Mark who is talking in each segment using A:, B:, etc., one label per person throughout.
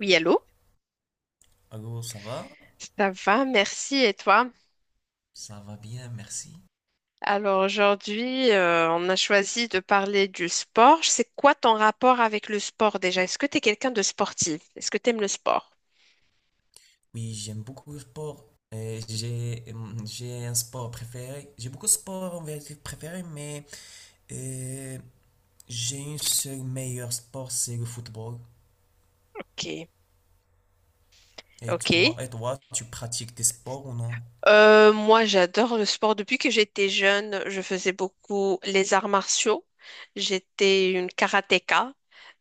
A: Oui, allô?
B: Allô, ça va?
A: Ça va, merci. Et toi?
B: Ça va bien, merci.
A: Alors aujourd'hui, on a choisi de parler du sport. C'est quoi ton rapport avec le sport déjà? Est-ce que tu es quelqu'un de sportif? Est-ce que tu aimes le sport?
B: Oui, j'aime beaucoup le sport. J'ai un sport préféré. J'ai beaucoup de sports en vérité préférés, mais euh, j'ai un seul meilleur sport, c'est le football.
A: Ok, ok.
B: Et toi, tu pratiques des sports ou non?
A: Moi, j'adore le sport. Depuis que j'étais jeune, je faisais beaucoup les arts martiaux. J'étais une karatéka.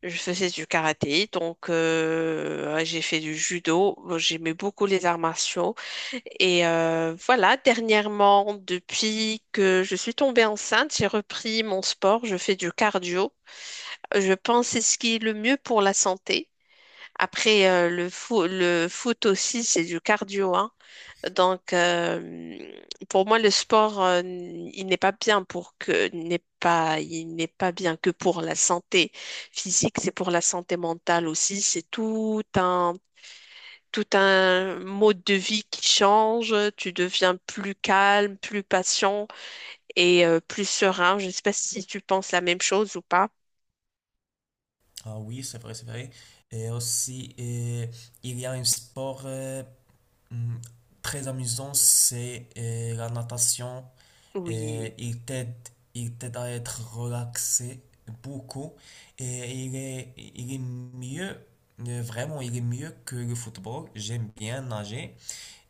A: Je faisais du karaté, donc ouais, j'ai fait du judo. J'aimais beaucoup les arts martiaux. Et voilà, dernièrement, depuis que je suis tombée enceinte, j'ai repris mon sport, je fais du cardio. Je pense que c'est ce qui est le mieux pour la santé. Après, le foot aussi, c'est du cardio, hein. Donc, pour moi, le sport, il n'est pas bien pour que, n'est pas, il n'est pas bien que pour la santé physique, c'est pour la santé mentale aussi. C'est tout un mode de vie qui change, tu deviens plus calme, plus patient et plus serein. Je ne sais pas si tu penses la même chose ou pas.
B: Ah oui, c'est vrai, c'est vrai. Et aussi, il y a un sport hum, très amusant, c'est la natation.
A: Oui.
B: Et il t'aide à être relaxé beaucoup. Et il est mieux, vraiment, il est mieux que le football. J'aime bien nager.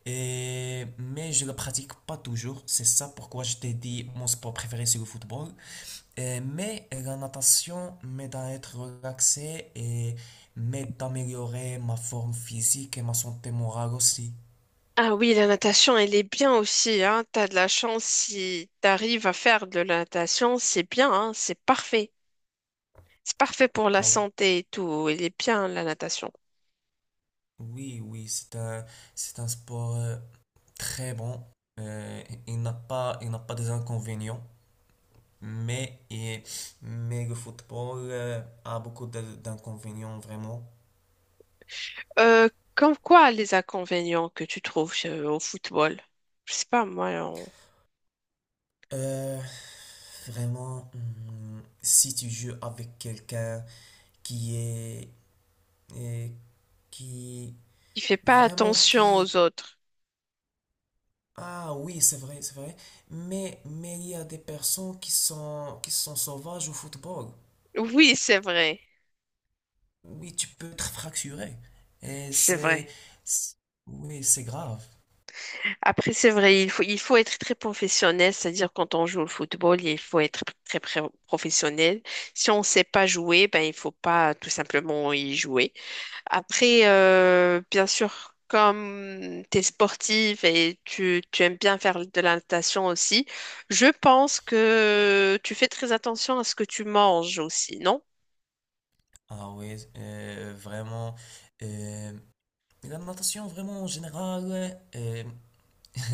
B: Et, mais je ne le pratique pas toujours. C'est ça pourquoi je t'ai dit mon sport préféré, c'est le football. Mais la natation m'aide à être relaxé et m'aide à améliorer ma forme physique et ma santé morale aussi.
A: Ah oui, la natation, elle est bien aussi, hein. T'as de la chance si t'arrives à faire de la natation, c'est bien, hein. C'est parfait. C'est parfait pour la
B: Ah,
A: santé et tout. Elle est bien, la natation.
B: oui, oui, c'est un sport. Très bon. Il n'a pas des inconvénients, mais, mais le football a beaucoup d'inconvénients vraiment.
A: Euh, comme quoi les inconvénients que tu trouves au football? Je sais pas, moi, on...
B: Euh, vraiment, si tu joues avec quelqu'un qui est, et qui
A: il fait pas
B: vraiment
A: attention
B: qui
A: aux autres.
B: ah oui c'est vrai mais il y a des personnes qui sont sauvages au football.
A: Oui, c'est vrai,
B: Oui, tu peux te fracturer et
A: c'est
B: c'est
A: vrai.
B: c'est- oui, c'est grave.
A: Après, c'est vrai, il faut être très professionnel, c'est-à-dire quand on joue au football, il faut être très, professionnel. Si on ne sait pas jouer, ben, il faut pas tout simplement y jouer. Après, bien sûr, comme tu es sportive et tu aimes bien faire de la natation aussi, je pense que tu fais très attention à ce que tu manges aussi, non?
B: Ah oui, vraiment. euh, la natation, vraiment, en général,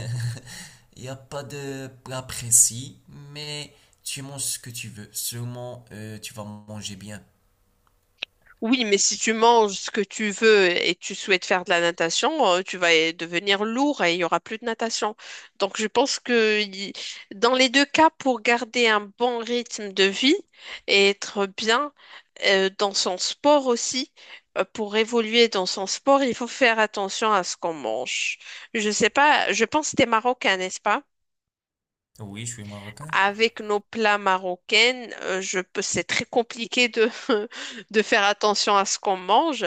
B: il n'y a pas de plat précis, mais tu manges ce que tu veux. Seulement, tu vas manger bien.
A: Oui, mais si tu manges ce que tu veux et tu souhaites faire de la natation, tu vas devenir lourd et il y aura plus de natation. Donc, je pense que dans les deux cas, pour garder un bon rythme de vie et être bien dans son sport aussi, pour évoluer dans son sport, il faut faire attention à ce qu'on mange. Je sais pas, je pense que tu es marocain, n'est-ce pas?
B: Oui, je suis marocain.
A: Avec nos plats marocains, je peux, c'est très compliqué de, de faire attention à ce qu'on mange,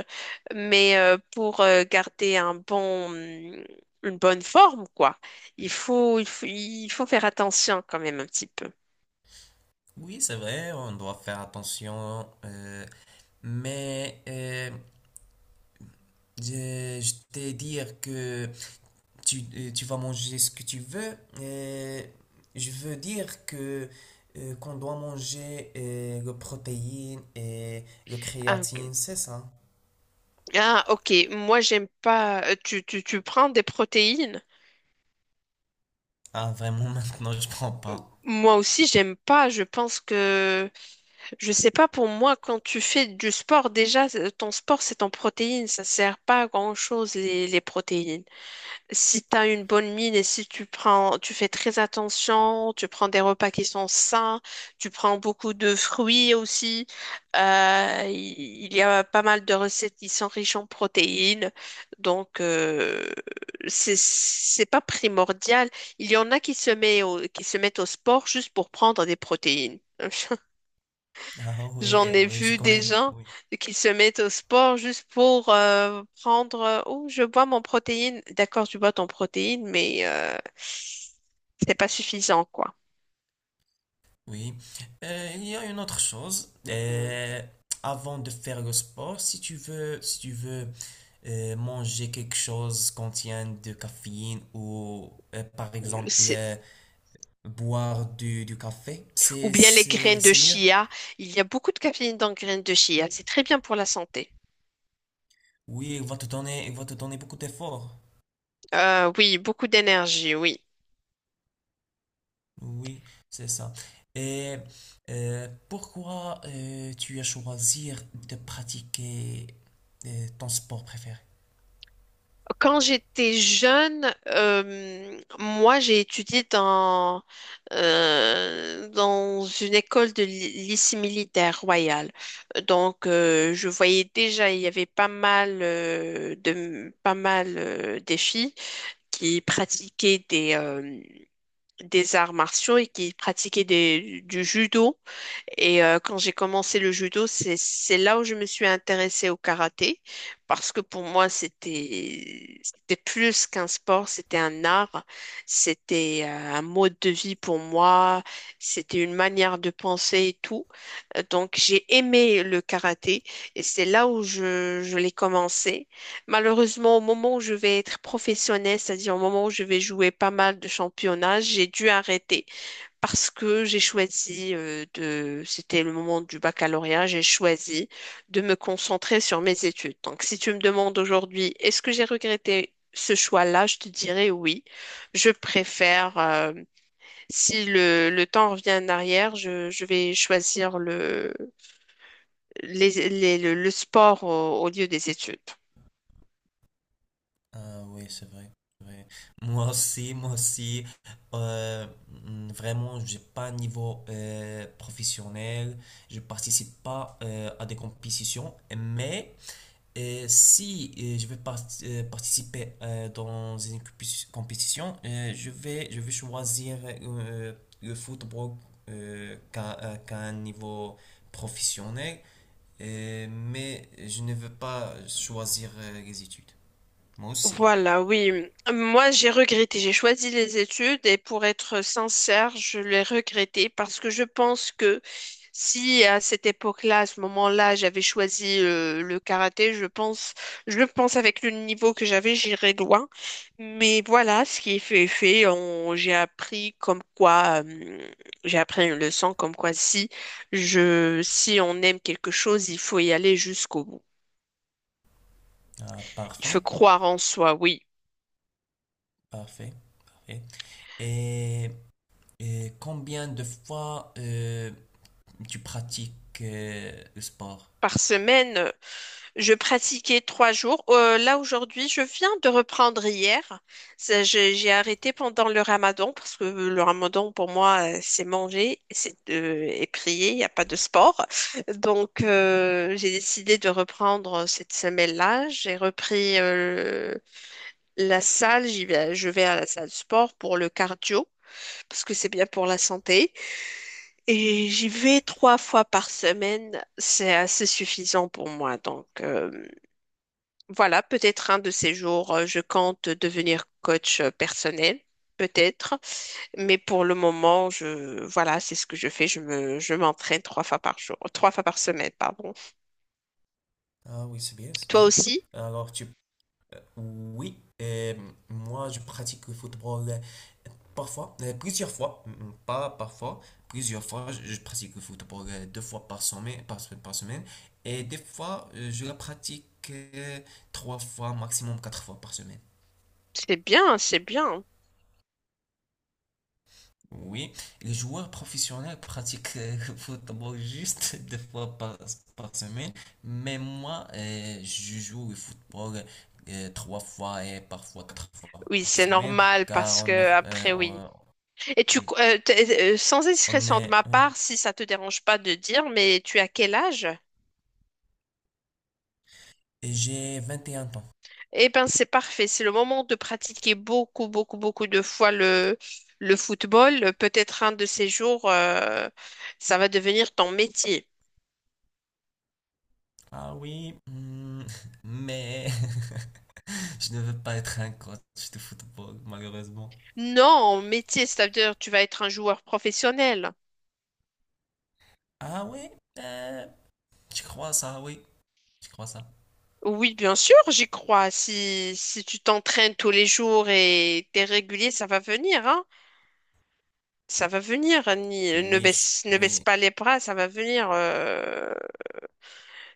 A: mais pour garder un bon, une bonne forme, quoi, il faut faire attention quand même un petit peu.
B: Oui, c'est vrai, on doit faire attention. Mais je t'ai dire que tu, tu vas manger ce que tu veux. Je veux dire que qu'on doit manger le protéine et le
A: Ah, ok.
B: créatine, c'est ça?
A: Ah, ok. Moi, j'aime pas. Tu prends des protéines?
B: Ah, vraiment, maintenant, je prends pas.
A: Moi aussi, j'aime pas. Je pense que je sais pas, pour moi, quand tu fais du sport, déjà, ton sport, c'est en protéines. Ça sert pas à grand-chose, les protéines. Si tu as une bonne mine et si tu prends, tu fais très attention, tu prends des repas qui sont sains, tu prends beaucoup de fruits aussi. Il y a pas mal de recettes qui sont riches en protéines. Donc, c'est pas primordial. Il y en a qui se mettent au sport juste pour prendre des protéines.
B: Ah oui,
A: J'en ai
B: oui, je
A: vu des
B: connais.
A: gens
B: Oui.
A: qui se mettent au sport juste pour prendre, oh, je bois mon protéine. D'accord, tu bois ton protéine, mais c'est pas suffisant, quoi.
B: Oui. Il y a une autre chose.
A: Hmm.
B: Avant de faire le sport, si tu veux, si tu veux manger quelque chose qui contient de caféine ou par exemple
A: C'est-
B: boire du café,
A: Ou bien les graines de
B: c'est mieux.
A: chia. Il y a beaucoup de caféine dans les graines de chia. C'est très bien pour la santé.
B: Oui, il va te donner, il va te donner beaucoup d'efforts.
A: Oui, beaucoup d'énergie, oui.
B: Oui, c'est ça. Et pourquoi tu as choisi de pratiquer ton sport préféré?
A: Quand j'étais jeune, moi j'ai étudié dans, dans une école de lycée militaire royal. Donc je voyais déjà, il y avait pas mal des filles qui pratiquaient des arts martiaux et qui pratiquaient du judo. Et quand j'ai commencé le judo, c'est là où je me suis intéressée au karaté parce que pour moi c'était plus qu'un sport, c'était un art, c'était un mode de vie pour moi, c'était une manière de penser et tout. Donc j'ai aimé le karaté et c'est là où je l'ai commencé. Malheureusement, au moment où je vais être professionnelle, c'est-à-dire au moment où je vais jouer pas mal de championnats, j'ai dû arrêter parce que j'ai choisi c'était le moment du baccalauréat, j'ai choisi de me concentrer sur mes études. Donc, si tu me demandes aujourd'hui, est-ce que j'ai regretté ce choix-là, je te dirais oui. Je préfère, si le temps revient en arrière, je vais choisir le, les- le sport au lieu des études.
B: Ah oui, c'est vrai. C'est Moi aussi, moi aussi. Vraiment, j'ai pas un niveau professionnel. Je participe pas à des compétitions, mais et si je vais participer dans une compétition, je vais choisir le football qu'à un niveau professionnel. Mais je ne veux pas choisir les études. Moi aussi.
A: Voilà, oui. Moi, j'ai regretté. J'ai choisi les études et pour être sincère, je l'ai regretté parce que je pense que si à cette époque-là, à ce moment-là, j'avais choisi le karaté, je pense avec le niveau que j'avais, j'irais loin. Mais voilà, ce qui est fait est fait. J'ai appris comme quoi, j'ai appris une leçon comme quoi si on aime quelque chose, il faut y aller jusqu'au bout.
B: Ah,
A: Il faut
B: parfait,
A: croire en soi, oui.
B: parfait, parfait. Et, et combien de fois tu pratiques le sport?
A: Par semaine. Je pratiquais trois jours. Là, aujourd'hui, je viens de reprendre hier. J'ai arrêté pendant le ramadan parce que le ramadan, pour moi, c'est manger, c'est et prier, il n'y a pas de sport. Donc, j'ai décidé de reprendre cette semaine-là. J'ai repris la salle. Je vais à la salle de sport pour le cardio parce que c'est bien pour la santé. Et j'y vais trois fois par semaine. C'est assez suffisant pour moi. Donc, voilà, peut-être un de ces jours, je compte devenir coach personnel, peut-être. Mais pour le moment, voilà, c'est ce que je fais. Je m'entraîne trois fois par semaine, pardon.
B: Ah oui, c'est bien, c'est
A: Toi
B: bien.
A: aussi?
B: Alors, tu oui, moi je pratique le football parfois, plusieurs fois, pas parfois, plusieurs fois. Je pratique le football deux fois par semaine, par semaine, et des fois je la pratique trois fois, maximum quatre fois par semaine.
A: C'est bien, c'est bien.
B: Oui, les joueurs professionnels pratiquent le football juste deux fois par semaine, mais moi, je joue au football trois fois et parfois quatre fois
A: Oui,
B: par
A: c'est
B: semaine,
A: normal
B: car
A: parce
B: on est,
A: que après, oui. Et
B: oui,
A: sans
B: on
A: indiscrétion de
B: est,
A: ma
B: oui.
A: part, si ça te dérange pas de dire, mais tu as quel âge?
B: Et j'ai 21 ans.
A: Eh ben c'est parfait. C'est le moment de pratiquer beaucoup, beaucoup, beaucoup de fois le football. Peut-être un de ces jours, ça va devenir ton métier.
B: Ah oui, mais je ne veux pas être un coach de football, malheureusement.
A: Non, métier, c'est-à-dire tu vas être un joueur professionnel.
B: Ah oui, euh, je crois ça, oui, je crois ça.
A: Oui, bien sûr, j'y crois. Si tu t'entraînes tous les jours et t'es régulier, ça va venir, hein. Ça va venir. Ne
B: Oui, je-
A: baisse, ne baisse
B: oui,
A: pas les bras, ça va venir.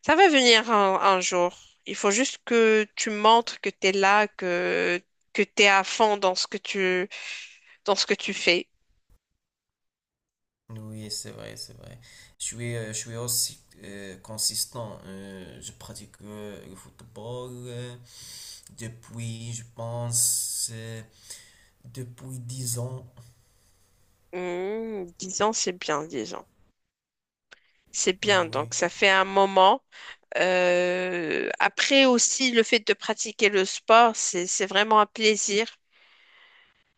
A: Ça va venir un jour. Il faut juste que tu montres que tu es là, que tu es à fond dans ce que dans ce que tu fais.
B: oui, c'est vrai, c'est vrai. Je suis aussi consistant. Je pratique le football depuis, je pense, depuis 10 ans.
A: Mmh, 10 ans, c'est bien, dix ans. C'est
B: Ah
A: bien,
B: oui.
A: donc ça fait un moment. Après aussi, le fait de pratiquer le sport, c'est vraiment un plaisir.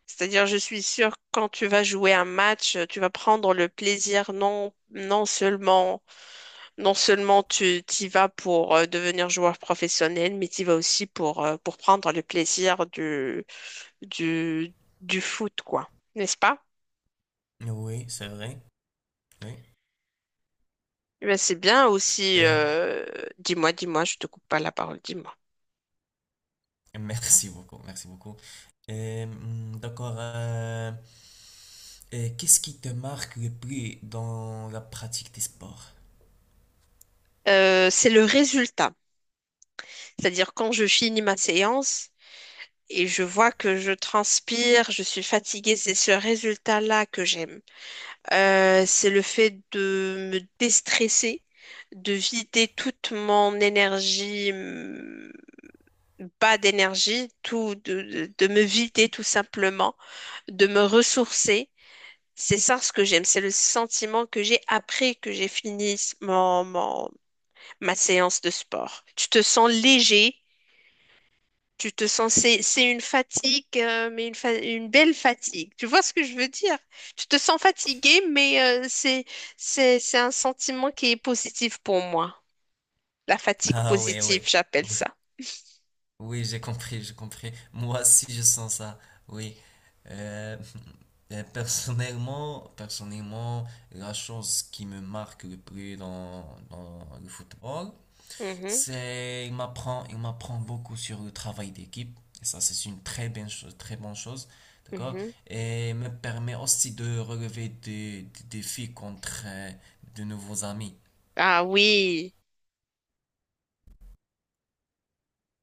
A: C'est-à-dire, je suis sûre que quand tu vas jouer un match, tu vas prendre le plaisir non seulement, non seulement tu y vas pour devenir joueur professionnel, mais tu y vas aussi pour prendre le plaisir du, du foot, quoi. N'est-ce pas?
B: Oui, c'est vrai. Oui.
A: Eh ben, c'est bien aussi.
B: Euh,
A: Je te coupe pas la parole, dis-moi.
B: merci beaucoup, merci beaucoup. D'accord. Qu'est-ce qui te marque le plus dans la pratique des sports?
A: C'est le résultat. C'est-à-dire quand je finis ma séance et je vois que je transpire, je suis fatiguée, c'est ce résultat-là que j'aime. C'est le fait de me déstresser, de vider toute mon énergie, bas d'énergie, de me vider tout simplement, de me ressourcer. C'est ça ce que j'aime, c'est le sentiment que j'ai après que j'ai fini ma séance de sport. Tu te sens léger, tu te sens, c'est une fatigue, mais une belle fatigue. Tu vois ce que je veux dire? Tu te sens fatigué, mais c'est un sentiment qui est positif pour moi. La fatigue
B: Ah oui,
A: positive,
B: oui.
A: j'appelle ça.
B: Oui, j'ai compris, j'ai compris. Moi aussi, je sens ça. Oui. Euh, personnellement, personnellement, la chose qui me marque le plus dans, dans le football,
A: Mhm,
B: c'est il m'apprend beaucoup sur le travail d'équipe. Et ça, c'est une très bonne chose, très bonne chose. D'accord?
A: mhm.
B: Et me permet aussi de relever des défis contre de nouveaux amis.
A: Ah oui.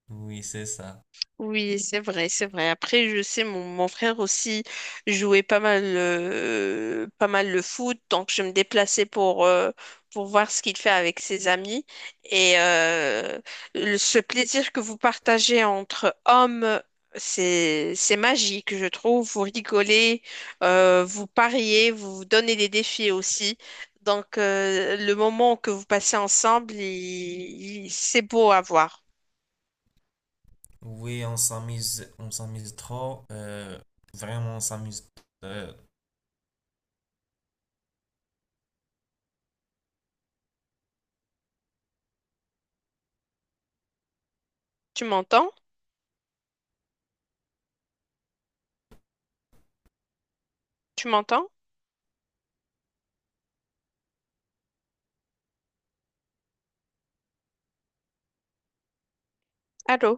B: Oui, c'est ça.
A: Oui, c'est vrai, c'est vrai. Après, je sais, mon frère aussi jouait pas mal le foot, donc je me déplaçais pour voir ce qu'il fait avec ses amis. Et ce plaisir que vous partagez entre hommes, c'est magique, je trouve. Vous rigolez, vous pariez, vous vous donnez des défis aussi. Donc, le moment que vous passez ensemble, c'est beau à voir.
B: Oui, on s'amuse trop. Vraiment, on s'amuse euh,
A: Tu m'entends? Tu m'entends? Allô?